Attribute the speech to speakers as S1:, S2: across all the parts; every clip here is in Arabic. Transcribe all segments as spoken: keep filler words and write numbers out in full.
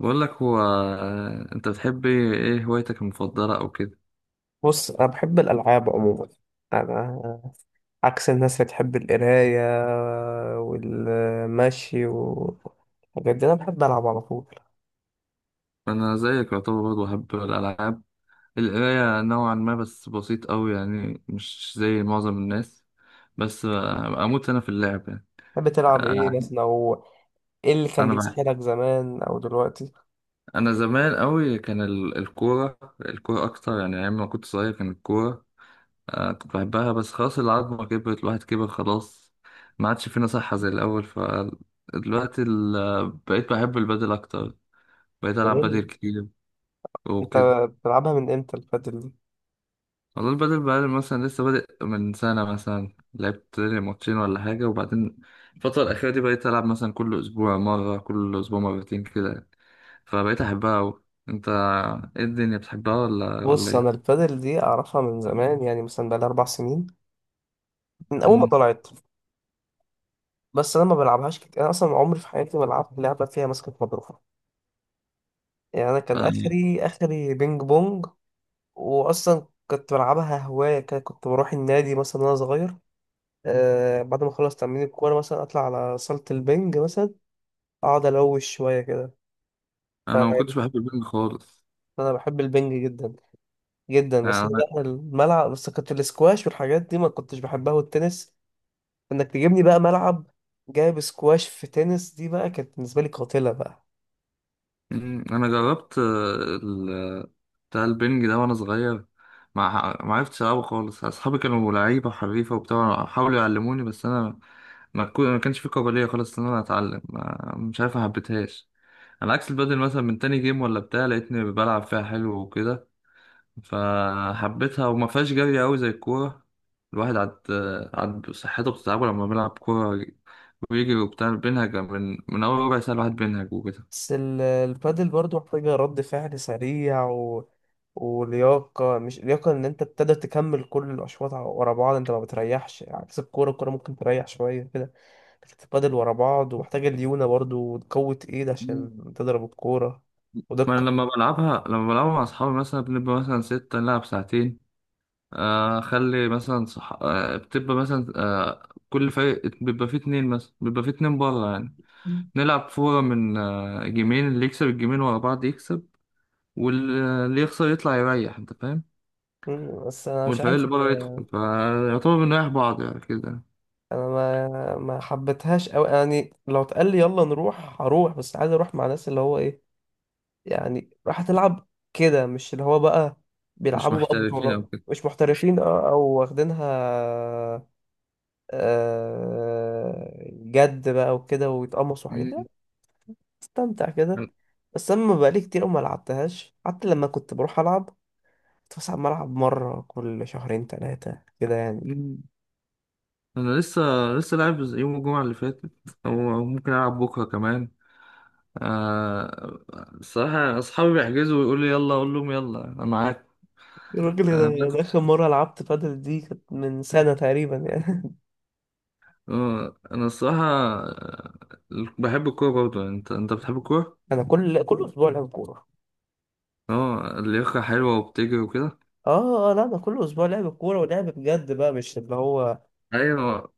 S1: بقول لك هو آه، انت بتحب ايه إيه هوايتك المفضله او كده.
S2: بص أنا بحب الألعاب عموما. أنا عكس الناس اللي بتحب القراية والمشي والحاجات دي، أنا بحب ألعب على طول.
S1: انا زيك يعتبر برضه بحب الالعاب، القرايه نوعا ما بس بسيط قوي يعني مش زي معظم الناس. بس آه، اموت انا في اللعب يعني.
S2: بتحب تلعب إيه
S1: انا
S2: مثلا، أو إيه اللي كان
S1: انا بح-
S2: بيسحلك زمان أو دلوقتي؟
S1: انا زمان قوي كان ال- الكوره، الكوره اكتر يعني ايام ما كنت صغير كان الكوره. آه، كنت بحبها بس خلاص، العظمه كبرت، الواحد كبر خلاص، ما عادش فينا صحه زي الاول. فدلوقتي ال- بقيت بحب البادل اكتر، بقيت ألعب بدل
S2: البادل.
S1: كتير
S2: أنت
S1: وكده.
S2: بتلعبها من إمتى البادل دي؟
S1: والله البدل بقى مثلا لسه بادئ من سنة، مثلا لعبت لي ماتشين ولا حاجة، وبعدين الفترة الأخيرة دي بقيت ألعب مثلا كل أسبوع مرة، كل أسبوع مرتين كده يعني. فبقيت أحبها أوي. أنت إيه الدنيا بتحبها ولا ولا
S2: بص أنا
S1: إيه؟
S2: البادل دي أعرفها من زمان، يعني مثلا بقالي أربع سنين من أول ما
S1: مم.
S2: طلعت. بس أنا ما بلعبهاش كتير، أنا أصلا عمري في حياتي ما لعبت لعبة فيها ماسكة مضربة. يعني أنا كان
S1: أنا.
S2: آخري آخري بينج بونج. واصلا كنت بلعبها هوايه كده، كنت بروح النادي مثلا وانا صغير. آه بعد ما اخلص تمرين الكوره مثلا اطلع على صاله البنج مثلا، اقعد الوش شويه كده.
S1: أنا ما كنتش
S2: فيعني
S1: بحب البنج خالص.
S2: انا بحب البنج جدا جدا. بس أنا بقى الملعب، بس كنت الاسكواش والحاجات دي ما كنتش بحبها، والتنس، انك تجيبني بقى ملعب جايب سكواش في تنس، دي بقى كانت بالنسبه لي قاتله بقى.
S1: مم، انا جربت، آه، ال- بتاع البنج ده وانا صغير، ما ما عرفتش العبه خالص. اصحابي كانوا لعيبه حريفه وبتاع، حاولوا يعلموني بس انا ما كو- ما كانش في قابليه خالص ان انا اتعلم، ما- مش عارف، ما حبيتهاش. على عكس البادل مثلا، من تاني جيم ولا بتاع لقيتني بلعب فيها حلو وكده، فحبيتها وما فيهاش جري قوي زي الكوره. الواحد عاد عاد صحته بتتعبه لما بيلعب كوره ويجري وبتاع، بينهج من من اول ربع ساعه الواحد بينهج وكده.
S2: بس ال- البادل برضو محتاجة رد فعل سريع و... ولياقة، مش لياقة إن أنت تقدر تكمل كل الأشواط ع- ورا بعض، أنت ما بتريحش عكس الكورة، الكورة ممكن تريح شوية كده. لكن البادل ورا بعض، ومحتاجة ليونة برضو وقوة إيد عشان تضرب الكورة
S1: ما انا
S2: ودقة.
S1: لما بلعبها، لما بلعبها مع اصحابي مثلا بنبقى مثلا ستة نلعب ساعتين. آه، اخلي مثلا صح، آه، بتبقى مثلا آه، كل فريق بيبقى فيه اتنين، مثلا بيبقى فيه اتنين بره يعني.
S2: مم.
S1: نلعب فورة من آه، جيمين، اللي يكسب الجيمين ورا بعض يكسب، واللي يخسر يطلع يريح، انت فاهم.
S2: مم، بس أنا مش
S1: والفريق
S2: عارف
S1: اللي بره
S2: هي-
S1: يدخل، فيعتبر بنريح بعض يعني كده.
S2: أنا ما ما حبيتهاش أوي، يعني لو اتقال لي يلا نروح هروح، بس عايز أروح مع ناس اللي هو إيه، يعني راح تلعب كده، مش اللي هو بقى
S1: مش
S2: بيلعبوا بقى
S1: محترفين او
S2: بطولات،
S1: كده.
S2: مش محترفين اه او واخدينها آه، جد بقى وكده ويتقمصوا حاجات دي،
S1: مم.
S2: استمتع كده.
S1: أنا.
S2: بس اما بقالي كتير أوي ما لعبتهاش، حتى لما كنت بروح العب كنت بس عم العب مره كل شهرين ثلاثه كده يعني.
S1: مم. أنا لسه لسه لاعب يوم الجمعة اللي فاتت، أو أو ممكن ألعب بكرة كمان. آه، الصراحة أصحابي بيحجزوا ويقولوا لي يلا، أقول لهم يلا أنا معاك.
S2: الراجل
S1: آه
S2: ده ده
S1: بس،
S2: اخر مره لعبت بادل دي كانت من سنه تقريبا يعني.
S1: آه أنا الصراحة، آه، بحب الكورة برضه يعني. أنت أنت بتحب الكورة؟
S2: انا كل كل اسبوع لعب كوره.
S1: أه، اللياقة حلوة وبتجري وكده.
S2: اه آه، لا انا كل اسبوع لعب كوره ولعب بجد بقى، مش اللي هو
S1: أيوة.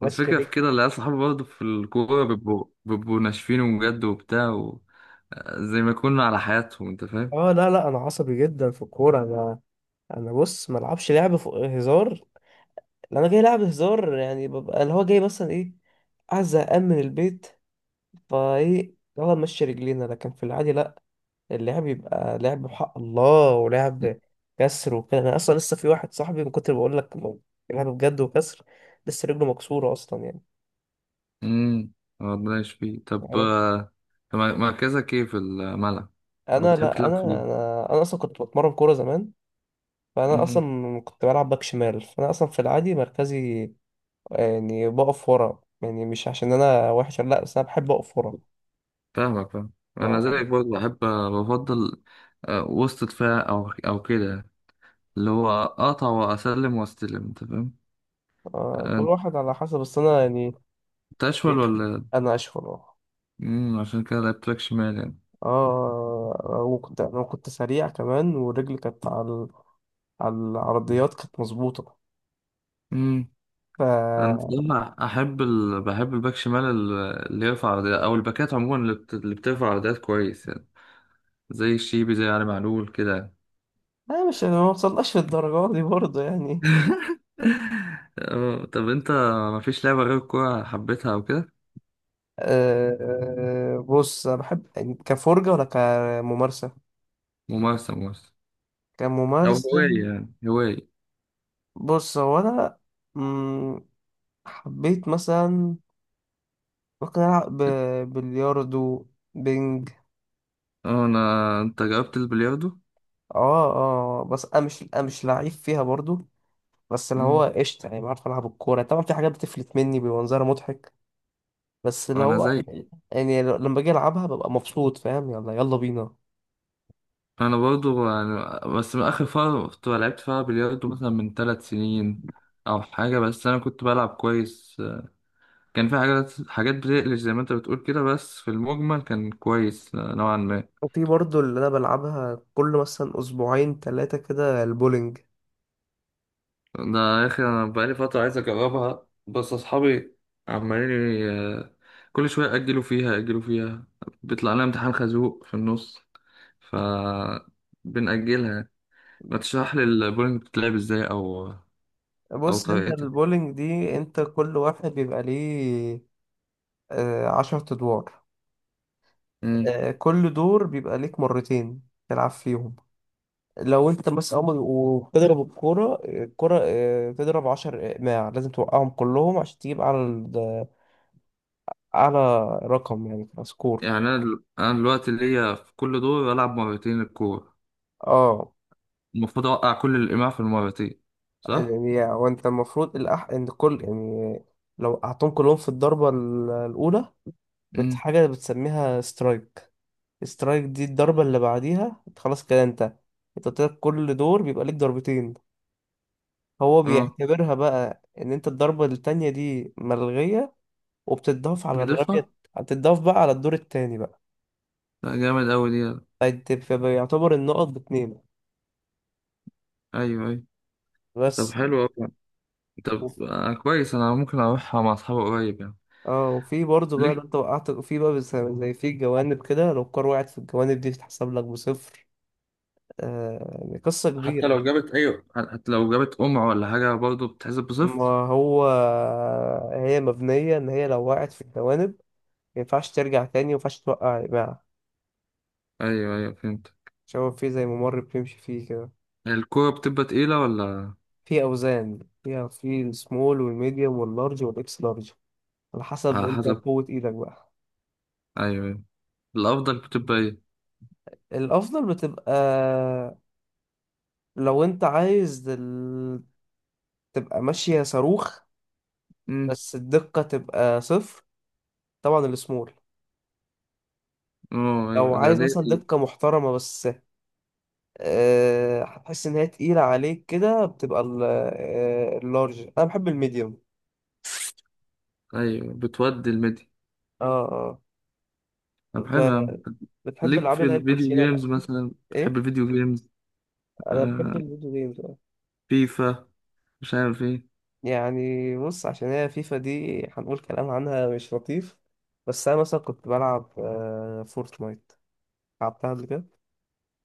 S2: ماشي
S1: والفكرة في
S2: رجلي.
S1: كده، اللي أصحابي برضه في الكورة بيبقوا بيبقوا ناشفين بجد وبتاع و... آه، زي ما يكونوا على حياتهم، أنت فاهم؟
S2: اه، لا لا انا عصبي جدا في الكوره، انا انا بص ما العبش لعب فوق هزار. لو انا جاي لعب هزار، يعني ببقى اللي هو جاي مثلا ايه، عايز زهقان من البيت، فايه يلا نمشي رجلينا، لكن في العادي لا. اللعب يبقى لعب بحق الله، ولعب كسر وكده. انا اصلا لسه في واحد صاحبي من كتر بقول لك لعب بجد وكسر، لسه رجله مكسوره اصلا يعني.
S1: أمم، ربنا يشفيه. طب
S2: عرفت؟
S1: آه، طب مركزك إيه في الملعب؟ أو
S2: انا
S1: بتحب
S2: لا
S1: تلعب
S2: انا انا انا اصلا كنت بتمرن كوره زمان، فانا
S1: فين؟
S2: اصلا كنت بلعب باك شمال، فانا اصلا في العادي مركزي يعني بقف ورا، يعني مش عشان انا وحش لا، بس انا بحب اقف ورا.
S1: فاهمك، فاهم. انا زيك
S2: ف-
S1: برضه بحب، بفضل آه، وسط دفاع او او كده، اللي هو اقطع واسلم واستلم، انت فاهم.
S2: آه، كل
S1: آه،
S2: واحد على حسب، بس انا يعني
S1: انت اشول ولا؟
S2: انا اشهر اه.
S1: امم، عشان كده لعبت باك شمال يعني.
S2: آه، وكنت انا كنت سريع كمان، ورجلي كانت على ال- على العرضيات كانت مظبوطه.
S1: امم.
S2: ف
S1: انا بصراحه احب ال، بحب الباك شمال، ال- اللي يرفع عرضيات، او الباكات عموما اللي، بت... اللي بترفع عرضيات كويس يعني، زي الشيبي، زي علي معلول كده.
S2: انا مش، انا ما وصلناش للدرجه دي برضه يعني.
S1: آه، طب انت مفيش لعبه غير الكوره حبيتها او كده؟
S2: آه، آه، بص انا بحب يعني كفرجه ولا كممارسه؟
S1: ممارسه، ممارسه او
S2: كممارسه.
S1: هوايه يعني هوايه.
S2: بص هو انا مم، حبيت مثلا ممكن ألعب ب- بلياردو، بينج.
S1: اه انا، انت جربت البلياردو؟
S2: اه، اه، بس أنا مش أنا مش لعيب فيها برضو، بس اللي هو
S1: امم،
S2: قشطة يعني بعرف ألعب الكورة، طبعا في حاجات بتفلت مني بيبقى منظرها مضحك. بس اللي
S1: انا
S2: هو،
S1: زي،
S2: يعني ل- لما باجي ألعبها ببقى مبسوط، فاهم؟ يلا يلا بينا.
S1: انا برضو يعني، بس من اخر فتره كنت لعبت فيها بلياردو مثلا من ثلاث سنين او حاجه، بس انا كنت بلعب كويس، كان في حاجات، حاجات بتقلش زي ما انت بتقول كده، بس في المجمل كان كويس نوعا ما.
S2: وفي برضو اللي أنا بلعبها كل مثلا أسبوعين تلاتة كده، البولينج.
S1: ده يا اخي انا بقالي فتره عايز اجربها، بس اصحابي عمالين، ي- كل شويه اجلوا فيها، اجلوا فيها بيطلع لنا امتحان خازوق في النص، ف بنأجلها. ما تشرح لي البولينج بتتلعب ازاي او او
S2: بص أنت
S1: طريقة؟
S2: البولينج دي، أنت كل واحد بيبقى ليه آه، عشرة أدوار.
S1: مم.
S2: آه، كل دور بيبقى ليك مرتين تلعب فيهم. لو انت بس اول وبتضرب الكوره الكوره آه، تضرب عشر اقماع، لازم توقعهم كلهم عشان تجيب على ال- على رقم، يعني سكور.
S1: يعني انا دل- انا دلوقتي ليا في كل دور العب مرتين الكورة،
S2: اه،
S1: المفروض اوقع كل الايماع في المرتين، صح؟
S2: يعني وانت المفروض الأح... ان كل يعني لو قعدتهم كلهم في الضربه ال- الاولى، بت
S1: مم.
S2: حاجه بتسميها سترايك. سترايك دي الضربه اللي بعديها انت خلاص كده، انت انت طلعت، كل دور بيبقى ليك ضربتين، هو
S1: اه،
S2: بيعتبرها بقى ان انت الضربه التانية دي ملغيه وبتتضاف على
S1: بيضيفها.
S2: الرمية، هتتضاف بقى على الدور التاني بقى.
S1: لا جامد اوي دي.
S2: فانت بيبقى يعتبر النقط باتنين
S1: ايوه ايوه. طب
S2: بس.
S1: حلو اوي.
S2: وف-
S1: طب آه كويس، انا ممكن اروحها مع اصحابي قريب يعني.
S2: اه وفي برضه بقى لو
S1: ليك.
S2: انت وقعت في بقى بس- زي في جوانب كده، لو الكار وقعت في الجوانب دي تتحسب لك بصفر. آه يعني قصة
S1: حتى
S2: كبيرة يعني.
S1: لو جابت ايوه، حتى لو جابت قمع ولا حاجة برضه بتحسب بصفر.
S2: ما هو هي مبنية إن هي لو وقعت في الجوانب ما ينفعش ترجع تاني، وما ينفعش توقع يا جماعة،
S1: ايوه ايوه فهمت.
S2: عشان هو في زي ممر بتمشي فيه كده.
S1: الكورة بتبقى تقيلة ولا؟
S2: في أوزان فيها، في السمول والميديوم واللارج والإكس لارج، على حسب
S1: على
S2: أنت
S1: حسب.
S2: قوة إيدك بقى.
S1: ايوه ايوه. الافضل بتبقى
S2: الافضل بتبقى لو انت عايز ال... تبقى ماشية صاروخ،
S1: ايه؟
S2: بس الدقة تبقى صفر، طبعا السمول.
S1: اه
S2: لو
S1: ايوه ده
S2: عايز مثلا
S1: دي.
S2: دقة محترمة، بس آه، هتحس ان هي تقيلة عليك كده، بتبقى ال- آه، اللارج، انا بحب الميديوم.
S1: ايوه بتودي الميديا.
S2: اه، اه،
S1: طب حلو يا عم.
S2: ب- بتحب
S1: ليك
S2: العاب
S1: في
S2: اللي هي
S1: الفيديو
S2: الكوتشينة والحاجات
S1: جيمز
S2: دي؟
S1: مثلا، بتحب
S2: ايه
S1: الفيديو جيمز؟
S2: انا
S1: آه،
S2: بحب الفيديو جيمز.
S1: فيفا، مش عارف ايه.
S2: يعني بص عشان هي فيفا دي هنقول كلام عنها مش لطيف، بس انا مثلا كنت بلعب آه، فورتنايت، لعبتها قبل كده.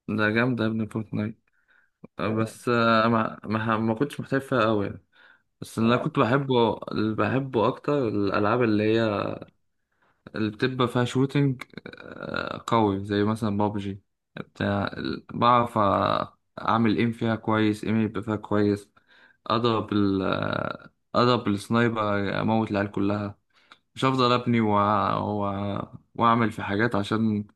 S1: ده جامدة يا ابني فورتنايت. آه،
S2: اه
S1: بس آه، ما ما ما كنتش محترف فيها قوي يعني. بس اللي انا كنت بحبه، اللي بحبه اكتر الالعاب اللي هي اللي بتبقى فيها شوتينج آه، قوي، زي مثلا بابجي. بتاع ال- بعرف آه، أعمل ايم فيها كويس، ايم يبقى فيها كويس، أضرب ال، آه، أضرب السنايبر، أموت العيال كلها، مش هفضل أبني و... و... وأعمل في حاجات عشان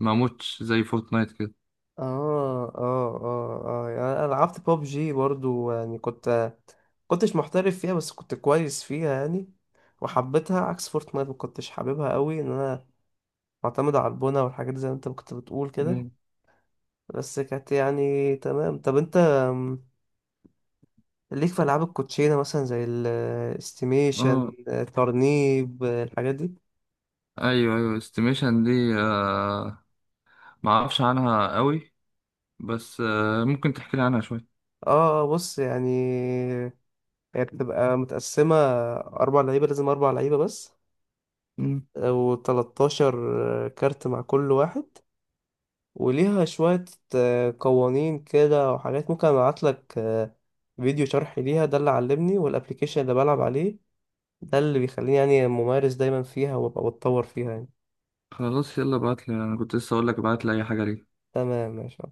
S1: ما أموتش زي فورتنايت كده.
S2: اه اه اه آه. يعني انا لعبت ببجي برضو، يعني كنت كنتش محترف فيها بس كنت كويس فيها يعني. وحبيتها عكس فورتنايت، ما كنتش حاببها قوي ان انا معتمد على البونة والحاجات دي زي ما انت كنت بتقول كده.
S1: مم.
S2: بس كانت يعني تمام، طب انت ليك في ألعاب الكوتشينة مثلا زي الاستيميشن
S1: اه
S2: ترنيب آه، الحاجات دي؟
S1: أيوه أيوه، استيميشن دي آه، ما أعرفش عنها قوي، بس آه، ممكن تحكي لي عنها شوية.
S2: اه آه، بص يعني هي بتبقى متقسمة أربع لعيبة، لازم أربع لعيبة بس.
S1: مم.
S2: آه، وتلاتاشر كارت مع كل واحد، وليها شوية آه، قوانين كده وحاجات. ممكن أبعتلك آه، فيديو شرح ليها، ده اللي علمني، والأبليكيشن اللي بلعب عليه ده اللي بيخليني يعني ممارس دايما فيها وأبقى بتطور فيها يعني.
S1: خلاص يلا ابعتلي، أنا كنت لسه أقولك ابعتلي أي حاجة ليك.
S2: تمام ماشي.